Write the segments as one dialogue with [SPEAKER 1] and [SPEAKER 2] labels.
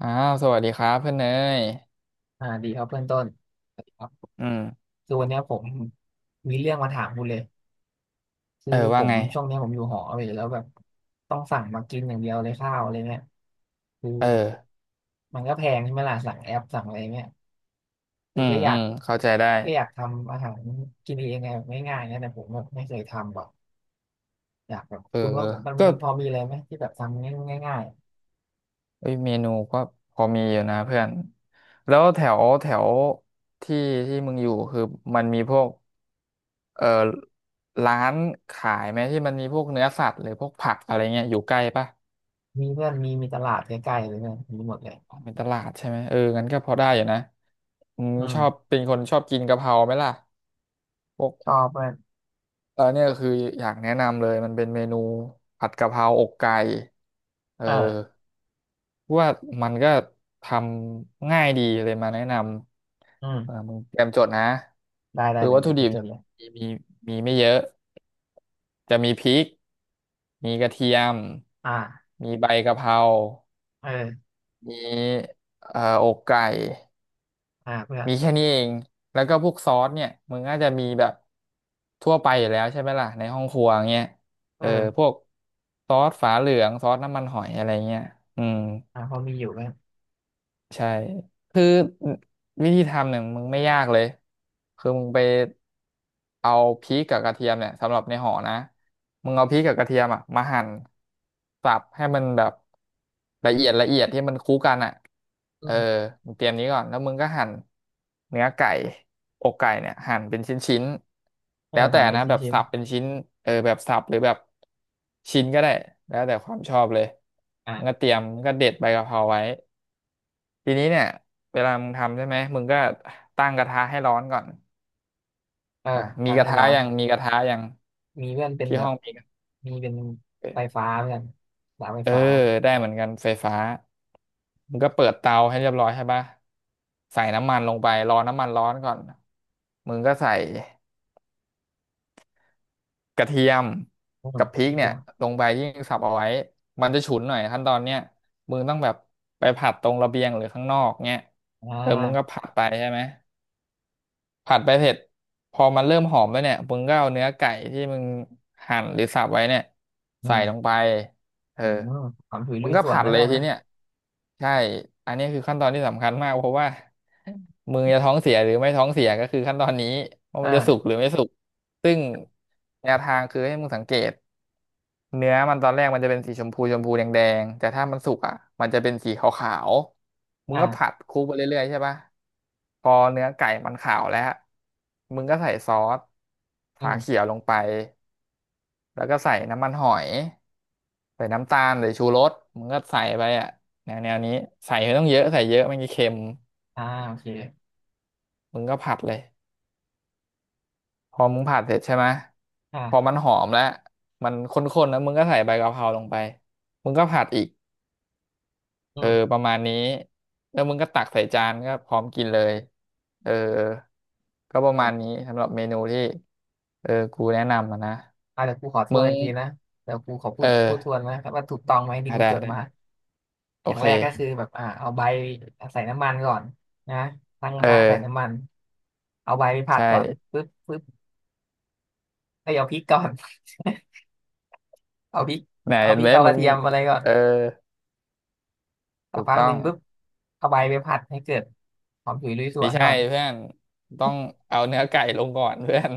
[SPEAKER 1] อ้าวสวัสดีครับเพื่อนเนย
[SPEAKER 2] อ่าดีครับเพื่อนต้นสวัสดีครับ
[SPEAKER 1] อืม
[SPEAKER 2] คือวันเนี้ยผมมีเรื่องมาถามคุณเลยคือ
[SPEAKER 1] เออ
[SPEAKER 2] ผ
[SPEAKER 1] ว่า
[SPEAKER 2] ม
[SPEAKER 1] ไง
[SPEAKER 2] ช่วงเนี้ยผมอยู่หอเว้ยแล้วแบบต้องสั่งมากินอย่างเดียวเลยข้าวอะไรเนี่ยคือ
[SPEAKER 1] เออ
[SPEAKER 2] มันก็แพงใช่ไหมล่ะสั่งแอปสั่งอะไรเนี่ยคื
[SPEAKER 1] อื
[SPEAKER 2] อ
[SPEAKER 1] ม
[SPEAKER 2] ก็อ
[SPEAKER 1] อื
[SPEAKER 2] ยาก
[SPEAKER 1] มเข้าใจได้
[SPEAKER 2] ก็อยากทำอาหารกินเองไงแบบง่ายๆนะแต่ผมแบบไม่เคยทำหรอกอยากแบบ
[SPEAKER 1] เออ
[SPEAKER 2] คุณว่ามัน
[SPEAKER 1] ก็
[SPEAKER 2] มันพอมีอะไรไหมที่แบบทำง่าย
[SPEAKER 1] เอ้ยเมนูก็พอมีอยู่นะเพื่อนแล้วแถวแถวที่ที่มึงอยู่คือมันมีพวกเออร้านขายไหมที่มันมีพวกเนื้อสัตว์หรือพวกผักอะไรเงี้ยอยู่ใกล้ปะ
[SPEAKER 2] ๆมีเพื่อนมีตลาดใกล้ๆเลยเนี่ยมีหมดเลย
[SPEAKER 1] อ๋อเป็นตลาดใช่ไหมเอองั้นก็พอได้อยู่นะอื
[SPEAKER 2] อื
[SPEAKER 1] มึงชอ
[SPEAKER 2] ม
[SPEAKER 1] บเป็นคนชอบกินกะเพราไหมล่ะพวก
[SPEAKER 2] ชอบเพื่อน
[SPEAKER 1] แล้วเนี่ยคืออยากแนะนำเลยมันเป็นเมนูผัดกะเพราอกไก่เออ
[SPEAKER 2] เออ
[SPEAKER 1] ว่ามันก็ทำง่ายดีเลยมาแนะน
[SPEAKER 2] อื
[SPEAKER 1] ำเออ
[SPEAKER 2] ม
[SPEAKER 1] มึงเตรียมจดนะ
[SPEAKER 2] ได้ได้
[SPEAKER 1] คือ
[SPEAKER 2] เดี๋ย
[SPEAKER 1] วั
[SPEAKER 2] ว
[SPEAKER 1] ตถุ
[SPEAKER 2] เดี๋ยว
[SPEAKER 1] ดิ
[SPEAKER 2] เดี๋ยว
[SPEAKER 1] บ
[SPEAKER 2] จดเลย
[SPEAKER 1] มีมีมีไม่เยอะจะมีพริกมีกระเทียม
[SPEAKER 2] อ่า
[SPEAKER 1] มีใบกะเพรา
[SPEAKER 2] เออ
[SPEAKER 1] มีอกไก่
[SPEAKER 2] อ่าเพื่อน
[SPEAKER 1] มีแค่นี้เอง แล้วก็พวกซอสเนี่ย มึงน่าจจะมีแบบทั่วไปอยู่แล้วใช่ไหมล่ะ ในห้องครัวเงี้ย
[SPEAKER 2] เอ
[SPEAKER 1] เออ พว
[SPEAKER 2] อ
[SPEAKER 1] กซอสฝาเหลืองซอสน้ำมันหอยอะไรเงี้ยอืม
[SPEAKER 2] อ่าพอมีอยู่กัอน
[SPEAKER 1] ใช่คือวิธีทำเนี่ยมึงไม่ยากเลยคือมึงไปเอาพริกกับกระเทียมเนี่ยสำหรับในห่อนะมึงเอาพริกกับกระเทียมอ่ะมาหั่นสับให้มันแบบละเอียดที่มันคู่กันอ่ะ
[SPEAKER 2] อื
[SPEAKER 1] เออ
[SPEAKER 2] ม
[SPEAKER 1] มึงเตรียมนี้ก่อนแล้วมึงก็หั่นเนื้อไก่อกไก่เนี่ยหั่นเป็นชิ้นๆ
[SPEAKER 2] เออ
[SPEAKER 1] แล้วแต่
[SPEAKER 2] ทำเป็น
[SPEAKER 1] นะแบบ
[SPEAKER 2] ชิ้น
[SPEAKER 1] สับเป็นชิ้นเออแบบสับหรือแบบชิ้นก็ได้แล้วแต่ความชอบเลย
[SPEAKER 2] ๆอ่า
[SPEAKER 1] มึงก็เด็ดใบกะเพราไว้ ทีนี้เนี่ยเวลามึงทำใช่ไหมมึงก็ตั้งกระทะให้ร้อนก่อน
[SPEAKER 2] เออ
[SPEAKER 1] อ่ะมี
[SPEAKER 2] ตั้ง
[SPEAKER 1] กระ
[SPEAKER 2] ให้
[SPEAKER 1] ทะ
[SPEAKER 2] ร้อน
[SPEAKER 1] ยังมีกระทะยัง
[SPEAKER 2] มีเพื่อนเป็น
[SPEAKER 1] ที่
[SPEAKER 2] แบ
[SPEAKER 1] ห้
[SPEAKER 2] บ
[SPEAKER 1] องมีกระทะ
[SPEAKER 2] มีเป็นไฟฟ้าเพื่อนสายไฟ
[SPEAKER 1] เออ
[SPEAKER 2] ฟ้า
[SPEAKER 1] ได้เหมือนกันไฟฟ้ามึงก็เปิดเตาให้เรียบร้อยใช่ปะใส่น้ำมันลงไปรอน้ำมันร้อนก่อนมึงก็ใส่กระเทียม
[SPEAKER 2] อืม
[SPEAKER 1] กับพริ
[SPEAKER 2] นิ
[SPEAKER 1] ก
[SPEAKER 2] ดเดี
[SPEAKER 1] เนี่ย
[SPEAKER 2] ยว
[SPEAKER 1] ลงไปยิ่งสับเอาไว้มันจะฉุนหน่อยขั้นตอนเนี้ยมึงต้องแบบไปผัดตรงระเบียงหรือข้างนอกเนี่ย
[SPEAKER 2] อ่
[SPEAKER 1] เออมึงก็
[SPEAKER 2] า
[SPEAKER 1] ผัดไปใช่ไหม ผัดไปเสร็จพอมันเริ่มหอมแล้วเนี่ยมึงก็เอาเนื้อไก่ที่มึงหั่นหรือสับไว้เนี่ย
[SPEAKER 2] อื
[SPEAKER 1] ใส่
[SPEAKER 2] ม
[SPEAKER 1] ลงไปเออ
[SPEAKER 2] อืมความถุย
[SPEAKER 1] มึ
[SPEAKER 2] ลุ
[SPEAKER 1] ง
[SPEAKER 2] ย
[SPEAKER 1] ก็
[SPEAKER 2] สวน
[SPEAKER 1] ผัด
[SPEAKER 2] นะ
[SPEAKER 1] เล
[SPEAKER 2] เพื่
[SPEAKER 1] ย
[SPEAKER 2] อน
[SPEAKER 1] ที
[SPEAKER 2] นะ
[SPEAKER 1] เนี้ยใช่อันนี้คือขั้นตอนที่สำคัญมากเพราะว่ามึงจะท้องเสียหรือไม่ท้องเสียก็คือขั้นตอนนี้ว่า
[SPEAKER 2] เอ
[SPEAKER 1] มันจะสุกห
[SPEAKER 2] อ
[SPEAKER 1] รือไม่สุกซึ่งแนวทางคือให้มึงสังเกต เนื้อมันตอนแรกมันจะเป็นสีชมพูชมพูแดงแดงแต่ถ้ามันสุกอ่ะมันจะเป็นสีขาวๆมึงก็ผัด
[SPEAKER 2] อ่า
[SPEAKER 1] คลุกไปเรื่อยๆใช่ปะพอเนื้อไก่มันขาวแล้วมึงก็ใส่ซอส
[SPEAKER 2] อื
[SPEAKER 1] ฝา
[SPEAKER 2] ม
[SPEAKER 1] เขียวลงไปแล้วก็ใส่น้ำมันหอยใส่น้ำตาลหรือชูรสมึงก็ใส่ไปอ่ะแนวนี้ใส่ไม่ต้องเยอะใส่เยอะไม่งั้นเค็ม
[SPEAKER 2] อ่าโอเค
[SPEAKER 1] มึงก็ผัดเลยพอมึงผัดเสร็จใช่ไหม
[SPEAKER 2] อ่า
[SPEAKER 1] พอมันหอมแล้วมันข้นๆแล้วมึงก็ใส่ใบกะเพราลงไปมึงก็ผัดอีก
[SPEAKER 2] อื
[SPEAKER 1] เออ
[SPEAKER 2] ม
[SPEAKER 1] ประมาณนี้แล้วมึงก็ตักใส่จานก็พร้อมกินเลยเออก็ประ
[SPEAKER 2] เพื่อ
[SPEAKER 1] มา
[SPEAKER 2] น
[SPEAKER 1] ณนี้สำหรับเมนูที่เออกูแนะนำอะนะ
[SPEAKER 2] อ่าเดี๋ยวกูขอท
[SPEAKER 1] มึ
[SPEAKER 2] วน
[SPEAKER 1] ง
[SPEAKER 2] อีกทีนะเดี๋ยวกูขอพู
[SPEAKER 1] เอ
[SPEAKER 2] ด
[SPEAKER 1] อ
[SPEAKER 2] พูดทวนนะครับว่าถูกต้องไหมที่
[SPEAKER 1] ได้
[SPEAKER 2] กู
[SPEAKER 1] ได้
[SPEAKER 2] จด
[SPEAKER 1] ได้
[SPEAKER 2] มา
[SPEAKER 1] โอ
[SPEAKER 2] อย่าง
[SPEAKER 1] เค
[SPEAKER 2] แรกก็คือแบบอ่าเอาใบใส่น้ำมันก่อนนะตั้งก
[SPEAKER 1] เอ
[SPEAKER 2] ระทะ
[SPEAKER 1] อ
[SPEAKER 2] ใส่น้ำมันเอาใบไปผัด
[SPEAKER 1] ใช่
[SPEAKER 2] ก่อนปึ๊บปึ๊บไอยเอาพริกก่อน เอาพริก
[SPEAKER 1] ไหน
[SPEAKER 2] เอา
[SPEAKER 1] เห็
[SPEAKER 2] พ
[SPEAKER 1] น
[SPEAKER 2] ริ
[SPEAKER 1] ไห
[SPEAKER 2] ก
[SPEAKER 1] ม
[SPEAKER 2] เอาก
[SPEAKER 1] มึ
[SPEAKER 2] ระ
[SPEAKER 1] ง
[SPEAKER 2] เทียมอะไรก่อน
[SPEAKER 1] เออ
[SPEAKER 2] สัก
[SPEAKER 1] ถูก
[SPEAKER 2] พัก
[SPEAKER 1] ต้
[SPEAKER 2] ห
[SPEAKER 1] อ
[SPEAKER 2] นึ่
[SPEAKER 1] ง
[SPEAKER 2] งปึ๊บเอาใบไปผัดให้เกิดหอมฉุยลุยส
[SPEAKER 1] ไม่
[SPEAKER 2] วน
[SPEAKER 1] ใช่
[SPEAKER 2] ก่อน
[SPEAKER 1] เพื่อนต้องเอาเนื้อไก่ลงก่อนเพื่อน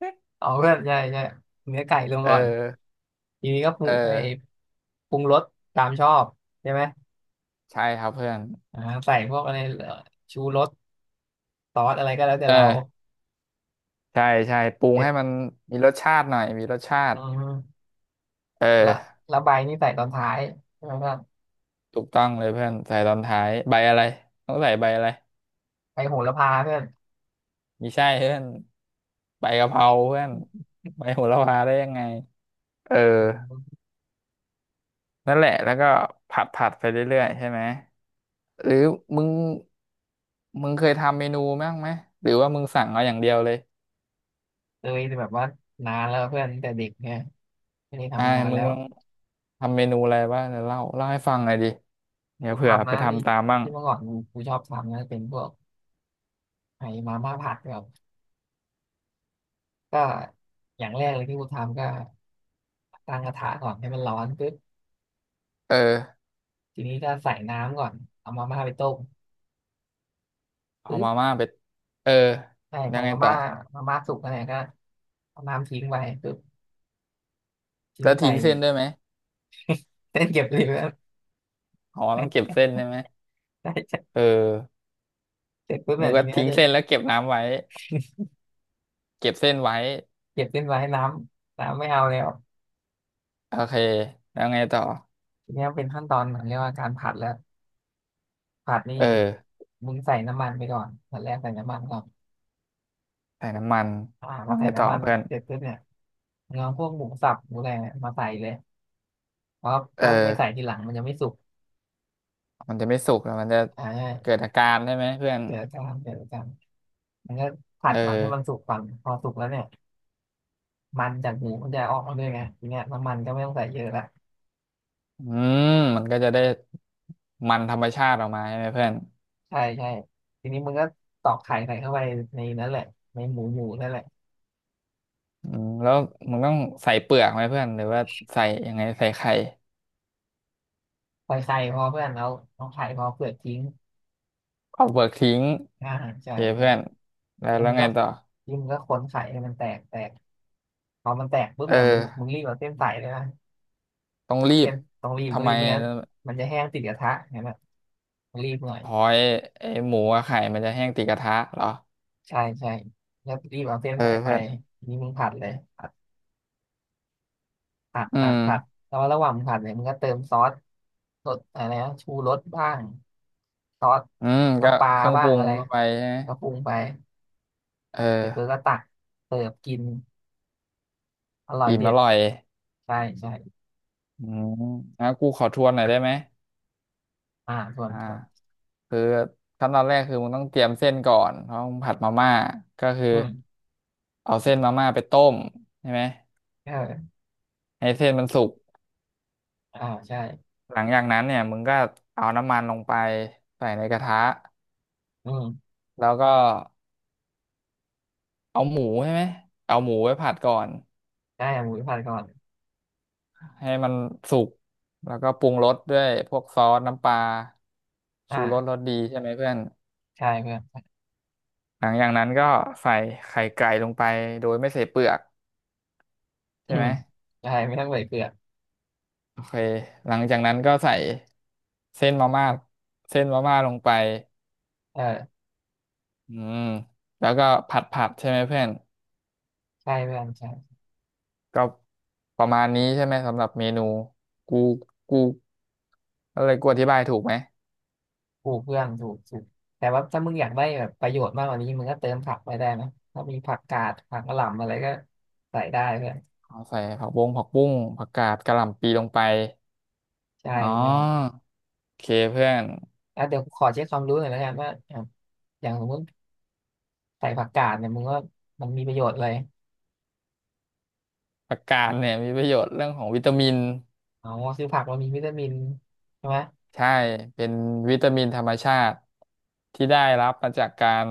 [SPEAKER 2] เอาเพื่อนใช่ใช่เนื้อไก่ลง
[SPEAKER 1] เออ
[SPEAKER 2] ก่อนทีนี้ก็
[SPEAKER 1] เออ
[SPEAKER 2] ปรุงรสตามชอบใช่ไหม
[SPEAKER 1] ใช่ครับเพื่อน
[SPEAKER 2] อ่าใส่พวกอะไรชูรสซอสอะไรก็แล้วแต่
[SPEAKER 1] เอ
[SPEAKER 2] เรา
[SPEAKER 1] อใช่ใช่ปรุ
[SPEAKER 2] เส
[SPEAKER 1] ง
[SPEAKER 2] ร็จ
[SPEAKER 1] ให้มันมีรสชาติหน่อยมีรสชา
[SPEAKER 2] อื
[SPEAKER 1] ติ
[SPEAKER 2] ม
[SPEAKER 1] เอ
[SPEAKER 2] ละ
[SPEAKER 1] อ
[SPEAKER 2] ละใบนี่ใส่ตอนท้ายใช่ไหม
[SPEAKER 1] ถูกต้องเลยเพื่อนใส่ตอนท้ายใบอะไรต้องใส่ใบอะไร
[SPEAKER 2] ไปโหระพาเพื่อน
[SPEAKER 1] ไม่ใช่เพื่อนใบกะเพราเพื่อนใบโหระพาได้ยังไงเออนั่นแหละแล้วก็ผัดผัดไปเรื่อยๆใช่ไหมหรือมึงมึงเคยทำเมนูบ้างไหมหรือว่ามึงสั่งเอาอย่างเดียวเลย
[SPEAKER 2] เคยแต่แบบว่านานแล้วเพื่อนตั้งแต่เด็กเนี่ยไม่ได้
[SPEAKER 1] อ่า
[SPEAKER 2] ทำนาน
[SPEAKER 1] มึ
[SPEAKER 2] แล้
[SPEAKER 1] ง
[SPEAKER 2] ว
[SPEAKER 1] ลองทำเมนูอะไรบ้างเดี๋ยวเล่าให้ฟังหน่อยดิเดี๋ยว
[SPEAKER 2] กู
[SPEAKER 1] เผื่อ
[SPEAKER 2] ทำ
[SPEAKER 1] ไป
[SPEAKER 2] นะที่
[SPEAKER 1] ทำตามบ้าง
[SPEAKER 2] ที่เมื่อก่อนกูชอบทำนะเป็นพวกไอ้มาม่าผัดแบบก็อย่างแรกเลยที่กูทำก็ตั้งกระทะก่อนให้มันร้อนปุ๊บ
[SPEAKER 1] เออ
[SPEAKER 2] ทีนี้ก็ใส่น้ำก่อนเอามาม่าไปต้ม
[SPEAKER 1] เอา
[SPEAKER 2] ปุ๊
[SPEAKER 1] มา
[SPEAKER 2] บ
[SPEAKER 1] ม่าไปเออ
[SPEAKER 2] ใช่พ
[SPEAKER 1] ยั
[SPEAKER 2] อ
[SPEAKER 1] งไง
[SPEAKER 2] มา
[SPEAKER 1] ต่อ
[SPEAKER 2] ม่าสุกแล้วเนี่ยก็เอาน้ำทิ้งไปปุ๊บที
[SPEAKER 1] แล้
[SPEAKER 2] นี้
[SPEAKER 1] ว
[SPEAKER 2] ใส่
[SPEAKER 1] ทิ้งเส้นด้วยไหม
[SPEAKER 2] เส้นเก็บเหลย
[SPEAKER 1] อ๋อต้องเก็บเส้นใช่ไหม
[SPEAKER 2] ใช่ใช่
[SPEAKER 1] เออ
[SPEAKER 2] เสร็จปุ๊บ
[SPEAKER 1] นึ
[SPEAKER 2] เนี่
[SPEAKER 1] ก
[SPEAKER 2] ยที
[SPEAKER 1] ว่า
[SPEAKER 2] นี้ก็
[SPEAKER 1] ทิ้ง
[SPEAKER 2] จะ
[SPEAKER 1] เส้นแล้วเก็บน้ำไว้เก็บเส้นไว้
[SPEAKER 2] เก็บเส้นมาให้น้ำไม่เอาแล้ว
[SPEAKER 1] โอเคแล้วไงต่อ
[SPEAKER 2] ทีเนี้ยเป็นขั้นตอนเหมือนเรียกว่าการผัดแล้วผัดนี่
[SPEAKER 1] เออ
[SPEAKER 2] มึงใส่น้ำมันไปก่อนตอนแรกใส่น้ำมันก่อน
[SPEAKER 1] ใส่น้ำมัน
[SPEAKER 2] อ่าพ
[SPEAKER 1] แล้
[SPEAKER 2] อ
[SPEAKER 1] ว
[SPEAKER 2] ใส่
[SPEAKER 1] ไงต่อ
[SPEAKER 2] น้ำมัน
[SPEAKER 1] เพื่อน
[SPEAKER 2] เสร็จปุ๊บเนี่ยมึงเอาพวกหมูสับอะไรเนี่ยมาใส่เลยเพราะ
[SPEAKER 1] เอ
[SPEAKER 2] ถ้ามึงไป
[SPEAKER 1] อ
[SPEAKER 2] ใส่ทีหลังมันจะไม่สุก
[SPEAKER 1] มันจะไม่สุกแล้วมันจะ
[SPEAKER 2] อ่
[SPEAKER 1] เกิ
[SPEAKER 2] า
[SPEAKER 1] ดอาการใช่ไหมเพื่อน
[SPEAKER 2] เดี๋ยวจะทำมันก็ผั
[SPEAKER 1] เอ
[SPEAKER 2] ด
[SPEAKER 1] อ
[SPEAKER 2] ก่อนให้มันสุกก่อนพอสุกแล้วเนี่ยมันจากหมูมันจะออกมาด้วยไงทีเนี้ยน้ำมันก็ไม่ต้องใส่เยอะละ
[SPEAKER 1] อืมมันก็จะได้มันธรรมชาติออกมาใช่ไหมเพื่อน
[SPEAKER 2] ใช่ใช่ทีนี้มึงก็ตอกไข่ใส่เข้าไปในนั้นแหละในหมูหมูนั่นแหละ
[SPEAKER 1] อืมแล้วมันต้องใส่เปลือกไหมเพื่อนหรือว่าใส่ยังไงใส่ไข่
[SPEAKER 2] ใส่ไข่พอเพื่อนแล้วเอาไข่พอเปลือกทิ้ง
[SPEAKER 1] เอาเปลือกทิ้ง
[SPEAKER 2] อ่าใช่
[SPEAKER 1] โอ
[SPEAKER 2] ใช่
[SPEAKER 1] เคเพื่อนแล้ว
[SPEAKER 2] แล้ว
[SPEAKER 1] แล้ว
[SPEAKER 2] มึง
[SPEAKER 1] ไง
[SPEAKER 2] ก็
[SPEAKER 1] ต่อ
[SPEAKER 2] ขวนไข่ให้มันแตกแตกพอมันแตกปุ๊บ
[SPEAKER 1] เ
[SPEAKER 2] เนี่ยมึงมึ
[SPEAKER 1] ออ
[SPEAKER 2] งรีบเอาเส้นใส่เลยนะ
[SPEAKER 1] ต้องรี
[SPEAKER 2] เส้
[SPEAKER 1] บ
[SPEAKER 2] นต้องรีบต้
[SPEAKER 1] ทำ
[SPEAKER 2] อง
[SPEAKER 1] ไม
[SPEAKER 2] รีบไม่งั้นมันจะแห้งติดกระทะเห็นไหมมึงรีบหน่อย
[SPEAKER 1] หอยไอหมูกับไข่มันจะแห้งติดกระทะเหรอ
[SPEAKER 2] ใช่ใช่แล้วรีบเอาเส้น
[SPEAKER 1] เออ
[SPEAKER 2] ใส่ไป
[SPEAKER 1] เพื่อน
[SPEAKER 2] นี่มึงผัดเลยผัดผัด
[SPEAKER 1] อื
[SPEAKER 2] ผัดผัด
[SPEAKER 1] ม
[SPEAKER 2] แล้วระหว่างมึงผัดเนี่ยมึงก็เติมซอสรสดอะไรนะชูรสบ้างซอส
[SPEAKER 1] อืมก็
[SPEAKER 2] น้ำปลา
[SPEAKER 1] เครื่อง
[SPEAKER 2] บ้า
[SPEAKER 1] ป
[SPEAKER 2] ง
[SPEAKER 1] รุง
[SPEAKER 2] อะไร
[SPEAKER 1] ลงไปใช่ไหม
[SPEAKER 2] ก็ปรุงไป
[SPEAKER 1] เอ
[SPEAKER 2] เสร็จปุ๊บ
[SPEAKER 1] อ
[SPEAKER 2] ก็ตักเสิร์ฟกินอร่อย
[SPEAKER 1] อิ่ม
[SPEAKER 2] เด็
[SPEAKER 1] อ
[SPEAKER 2] ด
[SPEAKER 1] ร่อย
[SPEAKER 2] ใช่ใช่
[SPEAKER 1] อืมงั้นกูขอทวนหน่อยได้ไหม
[SPEAKER 2] อ่าส่วน
[SPEAKER 1] อ่า
[SPEAKER 2] ส่วน
[SPEAKER 1] คือขั้นตอนแรกคือมึงต้องเตรียมเส้นก่อนเพราะมึงผัดมาม่าก็คือ
[SPEAKER 2] อืม
[SPEAKER 1] เอาเส้นมาม่าไปต้มใช่ไหม
[SPEAKER 2] เออ
[SPEAKER 1] ให้เส้นมันสุก
[SPEAKER 2] อ่าใช่
[SPEAKER 1] หลังจากนั้นเนี่ยมึงก็เอาน้ำมันลงไปใส่ในกระทะ
[SPEAKER 2] อืม
[SPEAKER 1] แล้วก็เอาหมูใช่ไหมเอาหมูไว้ผัดก่อน
[SPEAKER 2] ใช่เอาหมูไปผัดก่อน
[SPEAKER 1] ให้มันสุกแล้วก็ปรุงรสด้วยพวกซอสน้ำปลาชูรสร
[SPEAKER 2] อ่า
[SPEAKER 1] สดีใช่ไหมเพื่อน
[SPEAKER 2] ใช่เพื่อน
[SPEAKER 1] หลังจากนั้นก็ใส่ไข่ไก่ลงไปโดยไม่ใส่เปลือก
[SPEAKER 2] อื
[SPEAKER 1] ใช่ไห
[SPEAKER 2] ม
[SPEAKER 1] ม
[SPEAKER 2] ใช่ไม่ต้องใส่เกลือ
[SPEAKER 1] โอเคหลังจากนั้นก็ใส่เส้นมาม่าเส้นมาม่าลงไป
[SPEAKER 2] เออ
[SPEAKER 1] อืมแล้วก็ผัดใช่ไหมเพื่อน
[SPEAKER 2] ใช่เพื่อนใช่
[SPEAKER 1] ก็ประมาณนี้ใช่ไหมสำหรับเมนูกูกูอะไรกูอธิบายถูกไหม
[SPEAKER 2] ถูกเพื่อนถูกถูกแต่ว่าถ้ามึงอยากได้แบบประโยชน์มากกว่านี้มึงก็เติมผักไปได้นะถ้ามีผักกาดผักกะหล่ำอะไรก็ใส่ได้เพื่อน
[SPEAKER 1] อ๋อใส่ผักบุ้งผักกาดกะหล่ำปีลงไป
[SPEAKER 2] ใช่
[SPEAKER 1] อ๋
[SPEAKER 2] ใช่
[SPEAKER 1] อ โอเคเพื่อน
[SPEAKER 2] อ่ะเดี๋ยวขอเช็คความรู้หน่อยแล้วกันว่าอ่ะอย่างสมมติใส่ผักกาดเนี่ยมึงว่ามันมีประโยชน์เลย
[SPEAKER 1] ผักกาดเนี่ยมีประโยชน์เรื่องของวิตามิน
[SPEAKER 2] อ๋อคือผักมันมีวิตามินใช่ไหม
[SPEAKER 1] ใช่เป็นวิตามินธรรมชาติที่ได้รับมาจากการ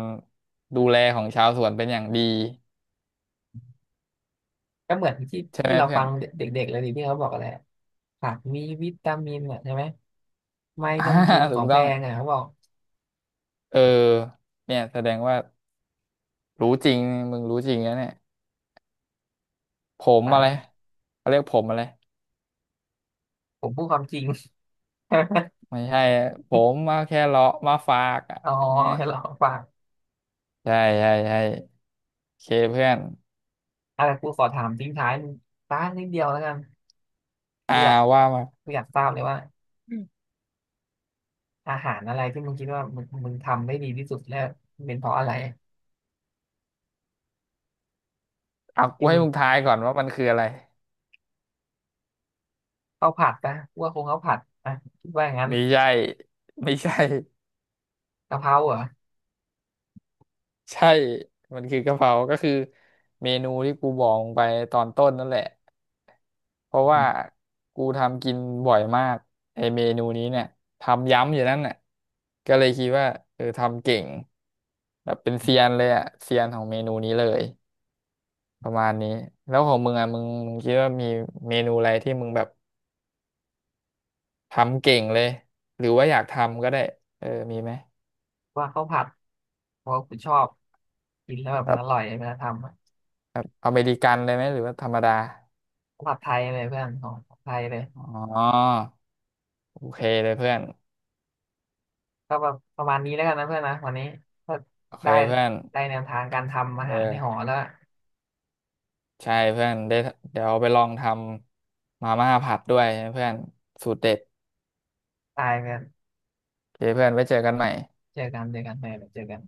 [SPEAKER 1] ดูแลของชาวสวนเป็นอย่างดี
[SPEAKER 2] ก็เหมือนที่
[SPEAKER 1] ใช่
[SPEAKER 2] ที่
[SPEAKER 1] ไหม
[SPEAKER 2] เรา
[SPEAKER 1] เพื่อ
[SPEAKER 2] ฟั
[SPEAKER 1] น
[SPEAKER 2] งเด็กๆเลยดิที่เขาบอกอะไรอะผักมีวิตามินอ่ะใช่ไหมไม่
[SPEAKER 1] อ่า
[SPEAKER 2] ต้องกินข
[SPEAKER 1] ถู
[SPEAKER 2] อง
[SPEAKER 1] ก
[SPEAKER 2] แพ
[SPEAKER 1] ต้อง
[SPEAKER 2] งอ่ะเขาบอก
[SPEAKER 1] เออเนี่ยแสดงว่ารู้จริงมึงรู้จริงนะเนี่ยผม
[SPEAKER 2] ตา
[SPEAKER 1] อะ
[SPEAKER 2] ย
[SPEAKER 1] ไร
[SPEAKER 2] อะ
[SPEAKER 1] เขาเรียกผมอะไร
[SPEAKER 2] ผมพูดความจริง
[SPEAKER 1] ไม่ใช่ผมมาแค่เลาะมาฝากอ่ะ
[SPEAKER 2] อ๋อ
[SPEAKER 1] เอ๊ะ
[SPEAKER 2] แค่หลอกปาก
[SPEAKER 1] ใช่ใช่ใช่โอเคเพื่อน
[SPEAKER 2] อ่ะกูขอถามทิ้งท้ายต้านนิดเดียวแล้วกัน
[SPEAKER 1] อ่า
[SPEAKER 2] กูอยาก
[SPEAKER 1] ว่ามา
[SPEAKER 2] กูอยากทราบเลยว่า
[SPEAKER 1] อ
[SPEAKER 2] อาหารอะไรที่มึงคิดว่ามึงทำได้ดีที่สุดแล้วมันเป็นเพราะอะไร
[SPEAKER 1] เอากู
[SPEAKER 2] ที่
[SPEAKER 1] ให้
[SPEAKER 2] มึง
[SPEAKER 1] มึงทายก่อนว่ามันคืออะไร
[SPEAKER 2] ข้าวผัดปะกูว่าคงข้าวผัดอ่ะคิดว่าอย่างนั้น
[SPEAKER 1] ไม่ใช่ ไม่ใช่
[SPEAKER 2] กะเพราเหรอ
[SPEAKER 1] ใช่มันคือกะเพราก็คือเมนูที่กูบอกไปตอนต้นนั่นแหละเพราะว่ากูทำกินบ่อยมากไอเมนูนี้เนี่ยทำย้ำอยู่นั่นน่ะก็เลยคิดว่าเออทำเก่งแบบเป็นเซียนเลยอะเซียนของเมนูนี้เลยประมาณนี้แล้วของมึงอะมึงคิดว่ามีเมนูอะไรที่มึงแบบทำเก่งเลยหรือว่าอยากทำก็ได้เออมีไหม
[SPEAKER 2] ว่าข้าวผัดเพราะว่ากูชอบกินแล้วแบบมัน
[SPEAKER 1] แบบ
[SPEAKER 2] อร่อยเวลาทำอะ
[SPEAKER 1] แบบอเมริกันเลยไหมหรือว่าธรรมดา
[SPEAKER 2] ข้าวผัดไทยเลยเพื่อนของไทยเลย
[SPEAKER 1] อ๋อโอเคเลยเพื่อน
[SPEAKER 2] ก็แบบประมาณนี้แล้วกันนะเพื่อนนะวันนี้ก็
[SPEAKER 1] โอเค
[SPEAKER 2] ได้
[SPEAKER 1] เพื่อน
[SPEAKER 2] ได้แนวทางการทำอา
[SPEAKER 1] เอ
[SPEAKER 2] หารในหอ
[SPEAKER 1] อ
[SPEAKER 2] แล้ว
[SPEAKER 1] ใช่เพื่อนได้เดี๋ยวไปลองทำมาม่าผัดด้วยนะเพื่อนสูตรเด็ด
[SPEAKER 2] ตายกัน
[SPEAKER 1] โอเคเพื่อนไว้เจอกันใหม่
[SPEAKER 2] เจอกันเจอกันไปเจอกัน